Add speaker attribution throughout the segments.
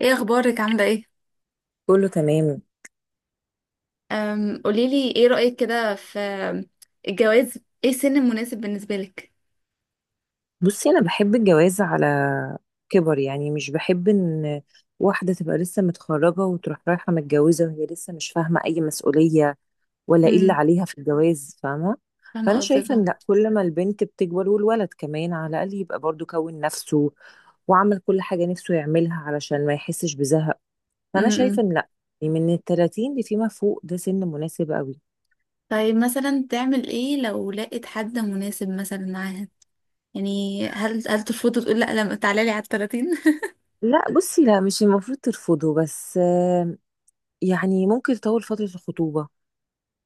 Speaker 1: ايه اخبارك؟ عامله ايه؟
Speaker 2: كله تمام.
Speaker 1: قوليلي ايه رايك كده في الجواز؟ ايه السن المناسب بالنسبه لك؟
Speaker 2: بصي، انا بحب الجواز على كبر، مش بحب ان واحده تبقى لسه متخرجه وتروح رايحه متجوزه وهي لسه مش فاهمه اي مسؤوليه ولا ايه اللي
Speaker 1: امم.
Speaker 2: عليها في الجواز، فاهمه؟
Speaker 1: فاهمه
Speaker 2: فانا
Speaker 1: قصدك،
Speaker 2: شايفه
Speaker 1: اه.
Speaker 2: ان لا، كل ما البنت بتكبر والولد كمان على الاقل يبقى برضو كون نفسه وعمل كل حاجه نفسه يعملها علشان ما يحسش بزهق. فانا
Speaker 1: امم.
Speaker 2: شايفه ان لا، يعني من ال 30 اللي فيما فوق ده سن مناسب قوي.
Speaker 1: طيب، مثلا تعمل ايه لو لقيت حد مناسب مثلا معاها؟ يعني هل ترفض وتقول لا لما تعالى لي على ال 30؟
Speaker 2: لا بصي، لا مش المفروض ترفضه، بس يعني ممكن تطول فترة الخطوبة،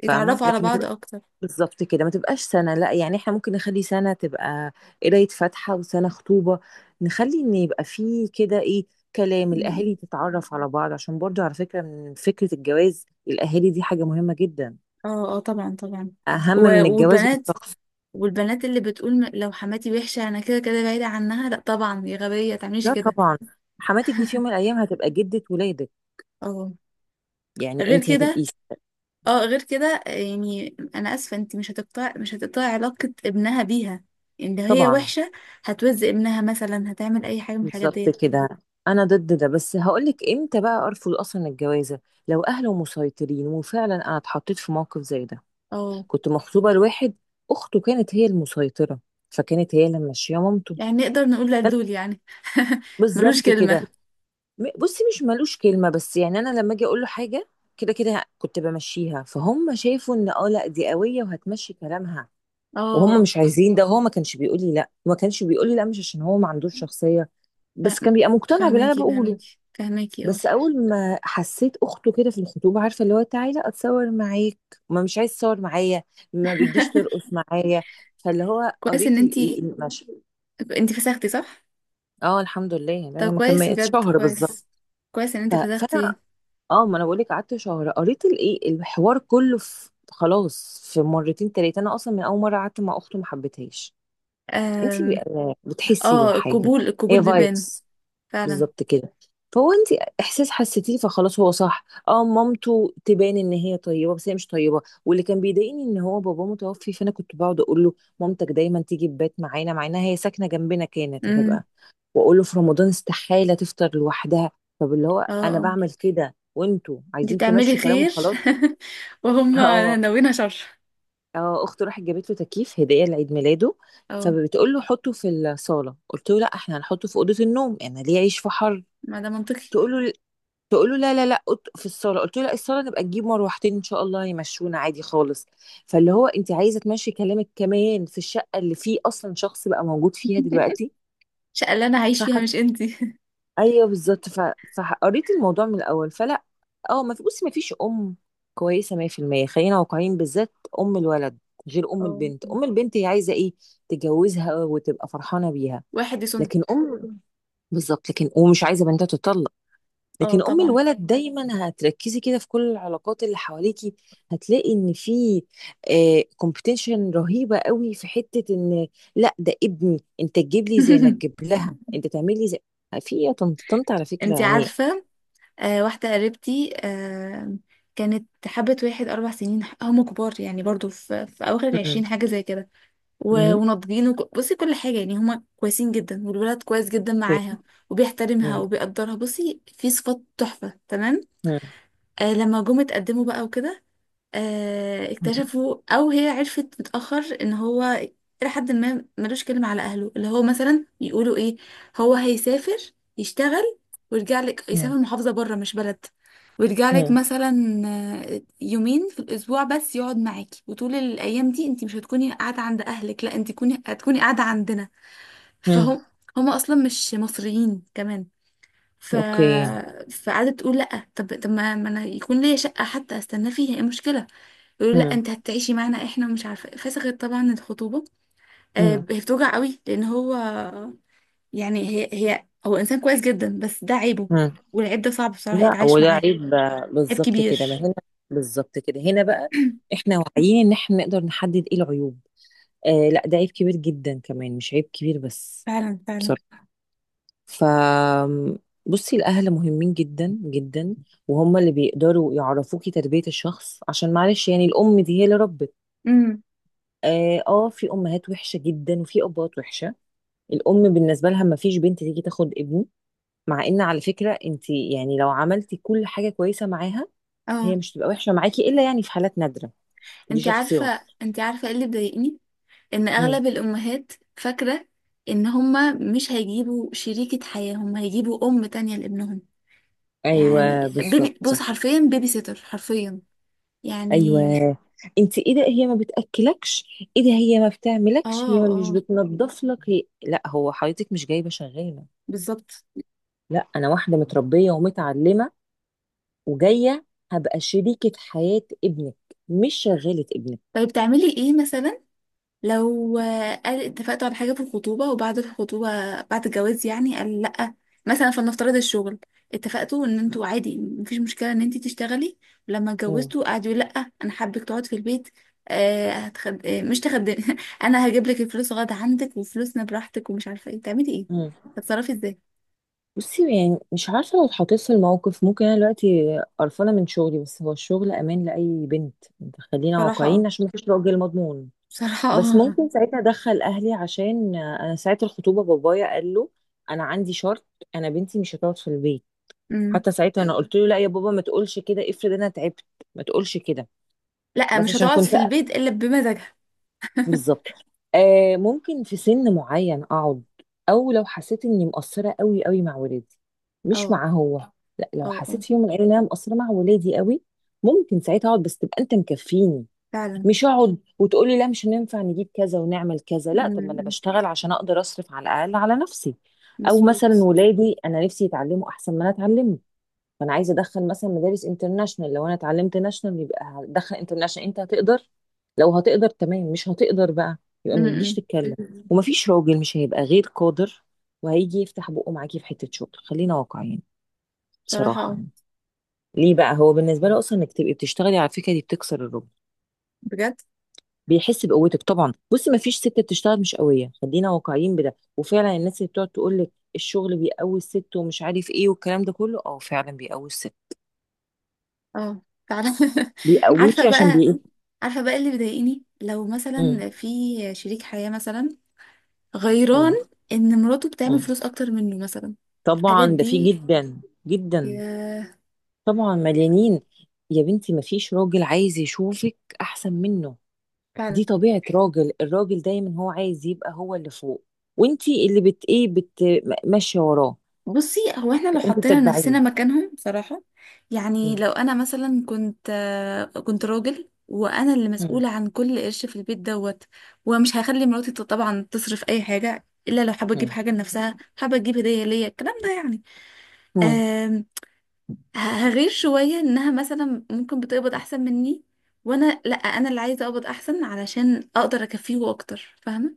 Speaker 2: فاهمة؟
Speaker 1: يتعرفوا على
Speaker 2: لكن ما
Speaker 1: بعض
Speaker 2: تبقى
Speaker 1: اكتر.
Speaker 2: بالظبط كده، ما تبقاش سنة، لا يعني احنا ممكن نخلي سنة تبقى قراية فاتحة وسنة خطوبة، نخلي ان يبقى فيه كده ايه، كلام الاهالي،
Speaker 1: امم.
Speaker 2: تتعرف على بعض، عشان برضو على فكرة من فكرة الجواز الاهالي دي حاجة مهمة جدا،
Speaker 1: اه، اه، طبعا، طبعا.
Speaker 2: اهم من الجواز
Speaker 1: والبنات،
Speaker 2: والشخص.
Speaker 1: والبنات اللي بتقول لو حماتي وحشه انا كده كده بعيده عنها. لا طبعا، يا غبيه، تعمليش
Speaker 2: لا
Speaker 1: كده.
Speaker 2: طبعا، حماتك دي في يوم من الايام هتبقى جدة ولادك،
Speaker 1: اه،
Speaker 2: يعني
Speaker 1: غير
Speaker 2: انت هتبقي
Speaker 1: كده. اه غير كده، يعني انا اسفه، انت مش هتقطع علاقه ابنها بيها ان لو هي
Speaker 2: طبعا
Speaker 1: وحشه. هتوزق ابنها مثلا؟ هتعمل اي حاجه من الحاجات
Speaker 2: بالظبط
Speaker 1: ديت؟
Speaker 2: كده. انا ضد ده، بس هقولك امتى بقى ارفض اصلا الجوازه: لو اهله مسيطرين. وفعلا انا اتحطيت في موقف زي ده،
Speaker 1: اه،
Speaker 2: كنت مخطوبه لواحد اخته كانت هي المسيطره، فكانت هي اللي ماشيه مامته.
Speaker 1: يعني نقدر نقول
Speaker 2: أنا-
Speaker 1: لدول يعني. ملوش
Speaker 2: بالظبط كده.
Speaker 1: كلمه.
Speaker 2: بصي، مش ملوش كلمه، بس يعني انا لما اجي اقول له حاجه كده كنت بمشيها، فهم شافوا ان اه لا دي قويه وهتمشي كلامها وهم
Speaker 1: اه.
Speaker 2: مش عايزين ده. هو ما كانش بيقول لي لا، ما كانش بيقول لي لا مش عشان هو ما عندوش شخصيه، بس
Speaker 1: فاهم-
Speaker 2: كان بيبقى مقتنع باللي انا
Speaker 1: فهماكي،
Speaker 2: بقوله.
Speaker 1: فهماكي، فهماكي، اه.
Speaker 2: بس اول ما حسيت اخته كده في الخطوبه، عارفه اللي هو تعالى اتصور معاك، ما مش عايز تصور معايا، ما بتجيش ترقص معايا، فاللي هو
Speaker 1: كويس ان
Speaker 2: قريت
Speaker 1: انت
Speaker 2: الايه المشهد.
Speaker 1: انت فسختي، صح؟
Speaker 2: اه الحمد لله، يعني
Speaker 1: طب
Speaker 2: انا ما
Speaker 1: كويس،
Speaker 2: كملت
Speaker 1: بجد
Speaker 2: شهر بالظبط.
Speaker 1: كويس. كويس ان انت فسختي.
Speaker 2: فانا اه، ما انا بقول لك قعدت شهر، قريت الايه الحوار كله في خلاص في مرتين تلاتة. انا اصلا من اول مره قعدت مع اخته ما حبيتهاش. انتي
Speaker 1: أم.
Speaker 2: بتحسي
Speaker 1: اه.
Speaker 2: بالحاجه،
Speaker 1: القبول
Speaker 2: هي
Speaker 1: بيبان.
Speaker 2: فايبس،
Speaker 1: فعلا.
Speaker 2: بالظبط كده. فهو انت احساس حسيتيه فخلاص هو صح. اه مامته تبان ان هي طيبه بس هي مش طيبه، واللي كان بيضايقني ان هو باباه متوفي، فانا كنت بقعد اقول له مامتك دايما تيجي تبات معانا مع انها هي ساكنه جنبنا، كانت
Speaker 1: امم.
Speaker 2: هتبقى. واقول له في رمضان استحاله تفطر لوحدها، طب اللي هو
Speaker 1: اه.
Speaker 2: انا
Speaker 1: آه.
Speaker 2: بعمل كده وانتوا
Speaker 1: انتي
Speaker 2: عايزين
Speaker 1: بتعملي
Speaker 2: تمشوا كلام
Speaker 1: خير.
Speaker 2: وخلاص.
Speaker 1: وهم
Speaker 2: اه
Speaker 1: ناويين شر.
Speaker 2: اه، اخته راحت جابت له تكييف هديه لعيد ميلاده،
Speaker 1: اه،
Speaker 2: فبتقول له حطه في الصاله، قلت له لا احنا هنحطه في اوضه النوم، انا ليه اعيش في حر.
Speaker 1: ما ده منطقي.
Speaker 2: تقول له، تقول له لا في الصاله، قلت له لا الصاله نبقى نجيب مروحتين ان شاء الله يمشونا عادي خالص. فاللي هو انت عايزه تمشي كلامك كمان في الشقه اللي فيه اصلا شخص بقى موجود فيها دلوقتي.
Speaker 1: الشقة اللي انا هعيش فيها،
Speaker 2: فح...
Speaker 1: مش انتي.
Speaker 2: ايوه بالظبط. فقريت الموضوع من الاول، فلا. اه ما في بصي، ما فيش كويسه 100%، خلينا واقعيين بالذات، ام الولد غير ام
Speaker 1: اه.
Speaker 2: البنت. ام البنت هي عايزه ايه؟ تجوزها وتبقى فرحانه بيها.
Speaker 1: واحد يصون.
Speaker 2: لكن بالظبط، لكن ومش عايزه بنتها تطلق.
Speaker 1: اه،
Speaker 2: لكن ام
Speaker 1: طبعا.
Speaker 2: الولد دايما هتركزي كده في كل العلاقات اللي حواليكي، هتلاقي ان في كومبيتيشن رهيبه قوي في حته ان لا ده ابني انت تجيب لي زي ما تجيب لها، انت تعمل لي زي. آه، في إيه يا طنط، على فكره
Speaker 1: انتي
Speaker 2: يعني.
Speaker 1: عارفة؟ آه، واحدة قريبتي، آه، كانت حبت واحد 4 سنين. هم كبار يعني، برضو في أواخر
Speaker 2: مم.
Speaker 1: العشرين، حاجة زي كده.
Speaker 2: مم.
Speaker 1: وناضجين، بصي كل حاجة يعني، هم كويسين جدا، والولد كويس جدا
Speaker 2: اوكي.
Speaker 1: معاها. وبيحترمها
Speaker 2: مم.
Speaker 1: وبيقدرها، بصي في صفات تحفة، تمام.
Speaker 2: مم.
Speaker 1: آه، لما جم اتقدموا بقى وكده،
Speaker 2: مم.
Speaker 1: اكتشفوا، او هي عرفت متأخر، ان هو الى حد ما ملوش كلمة على اهله. اللي هو مثلا يقولوا ايه، هو هيسافر يشتغل ويرجع لك، يسافر محافظة بره مش بلد، ويرجع لك
Speaker 2: مم.
Speaker 1: مثلا يومين في الاسبوع بس يقعد معاكي. وطول الايام دي انت مش هتكوني قاعدة عند اهلك، لا، انت هتكوني قاعدة عندنا.
Speaker 2: مم.
Speaker 1: فهم هم اصلا مش مصريين كمان. ف
Speaker 2: اوكي.
Speaker 1: فقعدت تقول لا، طب ما انا يكون ليا شقة حتى استنى فيها، ايه المشكلة؟ يقولوا لا،
Speaker 2: مم.
Speaker 1: انت هتعيشي معانا احنا ومش عارفه إيه. فسخت طبعا الخطوبه.
Speaker 2: مم.
Speaker 1: هي بتوجع قوي لان هو، يعني هي هي هو انسان كويس جدا، بس ده عيبه.
Speaker 2: مم.
Speaker 1: والعيب ده صعب بصراحه
Speaker 2: لا
Speaker 1: يتعايش
Speaker 2: وده
Speaker 1: معاه.
Speaker 2: عيب بقى.
Speaker 1: عيب
Speaker 2: بالظبط كده، ما
Speaker 1: كبير.
Speaker 2: هنا بالظبط كده، هنا بقى احنا واعيين ان احنا نقدر نحدد ايه العيوب. آه لا ده عيب كبير جدا، كمان مش عيب كبير بس،
Speaker 1: فعلا، فعلا.
Speaker 2: بصراحة. ف بصي الأهل مهمين جدا جدا، وهم اللي بيقدروا يعرفوكي تربية الشخص، عشان معلش يعني الأم دي هي اللي ربت.
Speaker 1: امم.
Speaker 2: آه، آه في أمهات وحشة جدا وفي أبوات وحشة. الأم بالنسبة لها ما فيش بنت تيجي تاخد ابني، مع إن على فكرة أنت يعني لو عملتي كل حاجة كويسة معاها
Speaker 1: اه.
Speaker 2: هي مش تبقى وحشة معاكي إلا يعني في حالات نادرة، دي
Speaker 1: انت
Speaker 2: شخصيات.
Speaker 1: عارفه انت عارفه ايه اللي بيضايقني؟ ان
Speaker 2: مم.
Speaker 1: اغلب الامهات فاكره ان هما مش هيجيبوا شريكه حياه، هما هيجيبوا ام تانية لابنهم. يعني
Speaker 2: أيوه
Speaker 1: بيبي،
Speaker 2: بالظبط.
Speaker 1: بص حرفيا بيبي سيتر، حرفيا يعني.
Speaker 2: ايوه، انت ايه ده هي ما بتاكلكش؟ ايه ده هي ما بتعملكش؟
Speaker 1: اه،
Speaker 2: هي ما مش
Speaker 1: اه،
Speaker 2: بتنظف لك؟ هي... لا، هو حضرتك مش جايبه شغاله.
Speaker 1: بالظبط.
Speaker 2: لا انا واحده متربيه ومتعلمه وجايه هبقى شريكه حياه ابنك، مش شغاله ابنك.
Speaker 1: طيب تعملي ايه مثلا لو قال اتفقتوا على حاجة في الخطوبة، وبعد الخطوبة، بعد الجواز يعني قال لأ. مثلا فلنفترض الشغل، اتفقتوا ان انتوا عادي مفيش مشكلة ان انتي تشتغلي، ولما
Speaker 2: مم.
Speaker 1: اتجوزتوا قعدوا يقولوا لأ، انا حابك تقعد في البيت. مش تخدمي. انا هجيب لك الفلوس، غدا عندك وفلوسنا براحتك ومش عارفة ايه، تعملي ايه؟
Speaker 2: مم.
Speaker 1: هتتصرفي ازاي؟
Speaker 2: بصي، يعني مش عارفه لو اتحطيت في الموقف، ممكن انا دلوقتي قرفانه من شغلي، بس هو الشغل امان لاي بنت، خلينا
Speaker 1: بصراحة اه،
Speaker 2: واقعيين عشان مفيش راجل مضمون.
Speaker 1: بصراحة
Speaker 2: بس
Speaker 1: اه.
Speaker 2: ممكن ساعتها ادخل اهلي، عشان انا ساعه الخطوبه بابايا قال له انا عندي شرط، انا بنتي مش هتقعد في البيت.
Speaker 1: أمم.
Speaker 2: حتى ساعتها انا قلت له لا يا بابا ما تقولش كده، افرض انا تعبت، ما تقولش كده.
Speaker 1: لأ،
Speaker 2: بس
Speaker 1: مش
Speaker 2: عشان
Speaker 1: هتقعد
Speaker 2: كنت
Speaker 1: في البيت الا بمزاجها.
Speaker 2: بالظبط. آه ممكن في سن معين اقعد، او لو حسيت اني مقصره قوي قوي مع ولادي، مش
Speaker 1: اه،
Speaker 2: مع هو. لا، لو
Speaker 1: اه، اه،
Speaker 2: حسيت في يوم من الايام ان انا مقصره مع ولادي قوي، ممكن ساعتها اقعد، بس تبقى انت مكفيني.
Speaker 1: فعلا.
Speaker 2: مش اقعد وتقولي لا مش هننفع نجيب كذا ونعمل كذا، لا طب ما انا
Speaker 1: أمم.
Speaker 2: بشتغل عشان اقدر اصرف على الاقل على نفسي. او مثلا
Speaker 1: مظبوط.
Speaker 2: ولادي انا نفسي يتعلموا احسن ما انا اتعلمه، فانا عايزه ادخل مثلا مدارس انترناشونال، لو انا اتعلمت ناشونال يبقى هدخل انترناشونال. انت هتقدر؟ لو هتقدر تمام، مش هتقدر بقى يبقى ما تجيش
Speaker 1: امم.
Speaker 2: تتكلم. ومفيش راجل مش هيبقى غير قادر وهيجي يفتح بقه معاكي في حته شغل، خلينا واقعيين
Speaker 1: بصراحة
Speaker 2: بصراحه
Speaker 1: اه،
Speaker 2: يعني. ليه بقى هو بالنسبه له اصلا انك تبقي بتشتغلي، على فكره دي بتكسر الرجل،
Speaker 1: بجد
Speaker 2: بيحس بقوتك. طبعا بصي ما فيش ست بتشتغل مش قويه، خلينا واقعيين بده. وفعلا الناس اللي بتقعد تقول لك الشغل بيقوي الست ومش عارف ايه والكلام ده كله، اه فعلا بيقوي الست،
Speaker 1: اه. تعالى. عارفة
Speaker 2: بيقويكي عشان
Speaker 1: بقى.
Speaker 2: بي.
Speaker 1: عارفة بقى اللي بيضايقني، لو
Speaker 2: مم.
Speaker 1: مثلا في شريك حياة مثلا غيران
Speaker 2: مم.
Speaker 1: ان مراته بتعمل
Speaker 2: مم.
Speaker 1: فلوس اكتر منه مثلا. الحاجات
Speaker 2: طبعا ده في
Speaker 1: دي،
Speaker 2: جدا جدا،
Speaker 1: يا،
Speaker 2: طبعا مليانين. يا بنتي ما فيش راجل عايز يشوفك احسن منه،
Speaker 1: فعلا.
Speaker 2: دي طبيعه راجل، الراجل دايما هو عايز يبقى هو اللي فوق وانتي اللي بت ايه بت ماشيه وراه،
Speaker 1: بصي، هو احنا لو
Speaker 2: فانت
Speaker 1: حطينا نفسنا
Speaker 2: بتتبعيه.
Speaker 1: مكانهم صراحة، يعني
Speaker 2: مم.
Speaker 1: لو انا مثلا كنت راجل وانا اللي
Speaker 2: مم.
Speaker 1: مسؤولة عن كل قرش في البيت دوت، ومش هخلي مراتي طبعا تصرف اي حاجة الا لو حابة تجيب
Speaker 2: مم.
Speaker 1: حاجة لنفسها، حابة تجيب هدية ليا، الكلام ده يعني.
Speaker 2: مم.
Speaker 1: آم، هغير شوية انها مثلا ممكن بتقبض احسن مني، وانا لا، انا اللي عايزة اقبض احسن علشان اقدر اكفيه اكتر، فاهمة؟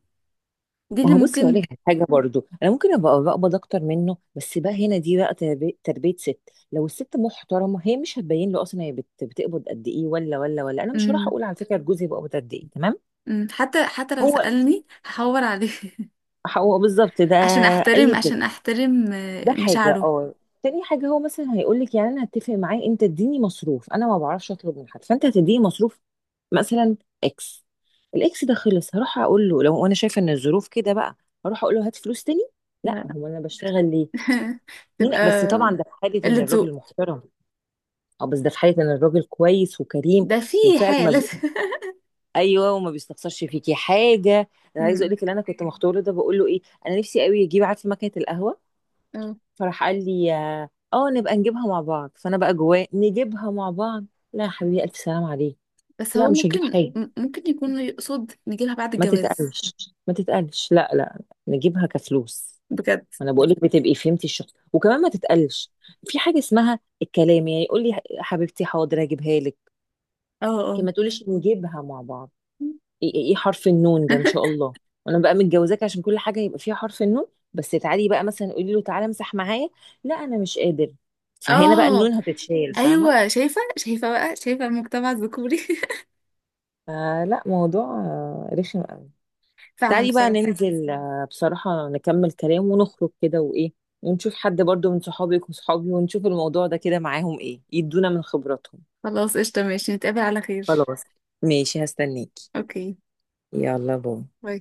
Speaker 1: دي
Speaker 2: ما
Speaker 1: اللي
Speaker 2: هو بصي هقول
Speaker 1: ممكن.
Speaker 2: لك على حاجه برضو، انا ممكن ابقى بقبض اكتر منه، بس بقى هنا دي بقى تربيه ست. لو الست محترمه هي مش هتبين له اصلا هي بتقبض قد ايه، ولا ولا ولا انا مش هروح
Speaker 1: مم.
Speaker 2: اقول على فكره جوزي بيقبض قد ايه، تمام.
Speaker 1: مم. حتى لو
Speaker 2: هو،
Speaker 1: سألني هحور عليه.
Speaker 2: هو بالظبط ده.
Speaker 1: عشان احترم،
Speaker 2: اي كده،
Speaker 1: عشان احترم
Speaker 2: ده حاجه.
Speaker 1: مشاعره.
Speaker 2: اه، تاني حاجه هو مثلا هيقول لك، يعني انا هتفق معاه انت اديني مصروف، انا ما بعرفش اطلب من حد، فانت هتديني مصروف مثلا اكس. الاكس ده خلص هروح اقول له لو انا شايفه ان الظروف كده بقى، هروح اقول له هات فلوس تاني؟ لا،
Speaker 1: لا، لا.
Speaker 2: هو انا بشتغل ليه؟ مين
Speaker 1: تبقى
Speaker 2: بس؟ طبعا ده في حاله ان
Speaker 1: قلة
Speaker 2: الراجل
Speaker 1: ذوق.
Speaker 2: محترم، اه بس ده في حاله ان الراجل كويس وكريم
Speaker 1: ده في
Speaker 2: وفعلا ما بي-
Speaker 1: حالة.
Speaker 2: ايوه وما بيستخسرش فيكي حاجه. انا عايزه اقول
Speaker 1: أمم.
Speaker 2: لك اللي انا كنت مختاره ده بقول له ايه، انا نفسي قوي يجيب عارفه مكنه القهوه،
Speaker 1: اه،
Speaker 2: فراح قال لي اه آه، نبقى نجيبها مع بعض. فانا بقى جواه، نجيبها مع بعض؟ لا يا حبيبي الف سلام عليك،
Speaker 1: بس
Speaker 2: لا
Speaker 1: هو
Speaker 2: مش هجيب
Speaker 1: ممكن،
Speaker 2: حاجه.
Speaker 1: ممكن يكون يقصد نجيلها بعد
Speaker 2: ما
Speaker 1: الجواز.
Speaker 2: تتقلش، ما تتقلش لا لا، نجيبها كفلوس.
Speaker 1: بجد.
Speaker 2: انا بقول لك بتبقي فهمتي الشخص، وكمان ما تتقلش، في حاجه اسمها الكلام، يعني يقول لي حبيبتي حاضر هجيبها لك،
Speaker 1: اه،
Speaker 2: لكن
Speaker 1: اه،
Speaker 2: ما تقوليش نجيبها مع بعض. ايه ايه إيه حرف النون ده ان شاء الله، وانا بقى متجوزاك عشان كل حاجه يبقى فيها حرف النون. بس تعالي بقى مثلا قولي له تعالى امسح معايا، لا انا مش قادر. فهنا بقى
Speaker 1: اه.
Speaker 2: النون هتتشال، فاهمه؟
Speaker 1: ايوه، شايفه، شايفه بقى، شايفه المجتمع الذكوري.
Speaker 2: فلا، موضوع آه، رخم قوي.
Speaker 1: فعلا
Speaker 2: تعالي بقى
Speaker 1: بصراحه.
Speaker 2: ننزل آه، بصراحه نكمل كلام ونخرج كده وايه، ونشوف حد برضو من صحابك وصحابي ونشوف الموضوع ده كده معاهم ايه، يدونا من خبراتهم.
Speaker 1: خلاص قشطه، ماشي، نتقابل على خير.
Speaker 2: خلاص ماشي هستنيكي،
Speaker 1: اوكي،
Speaker 2: يلا باي.
Speaker 1: باي.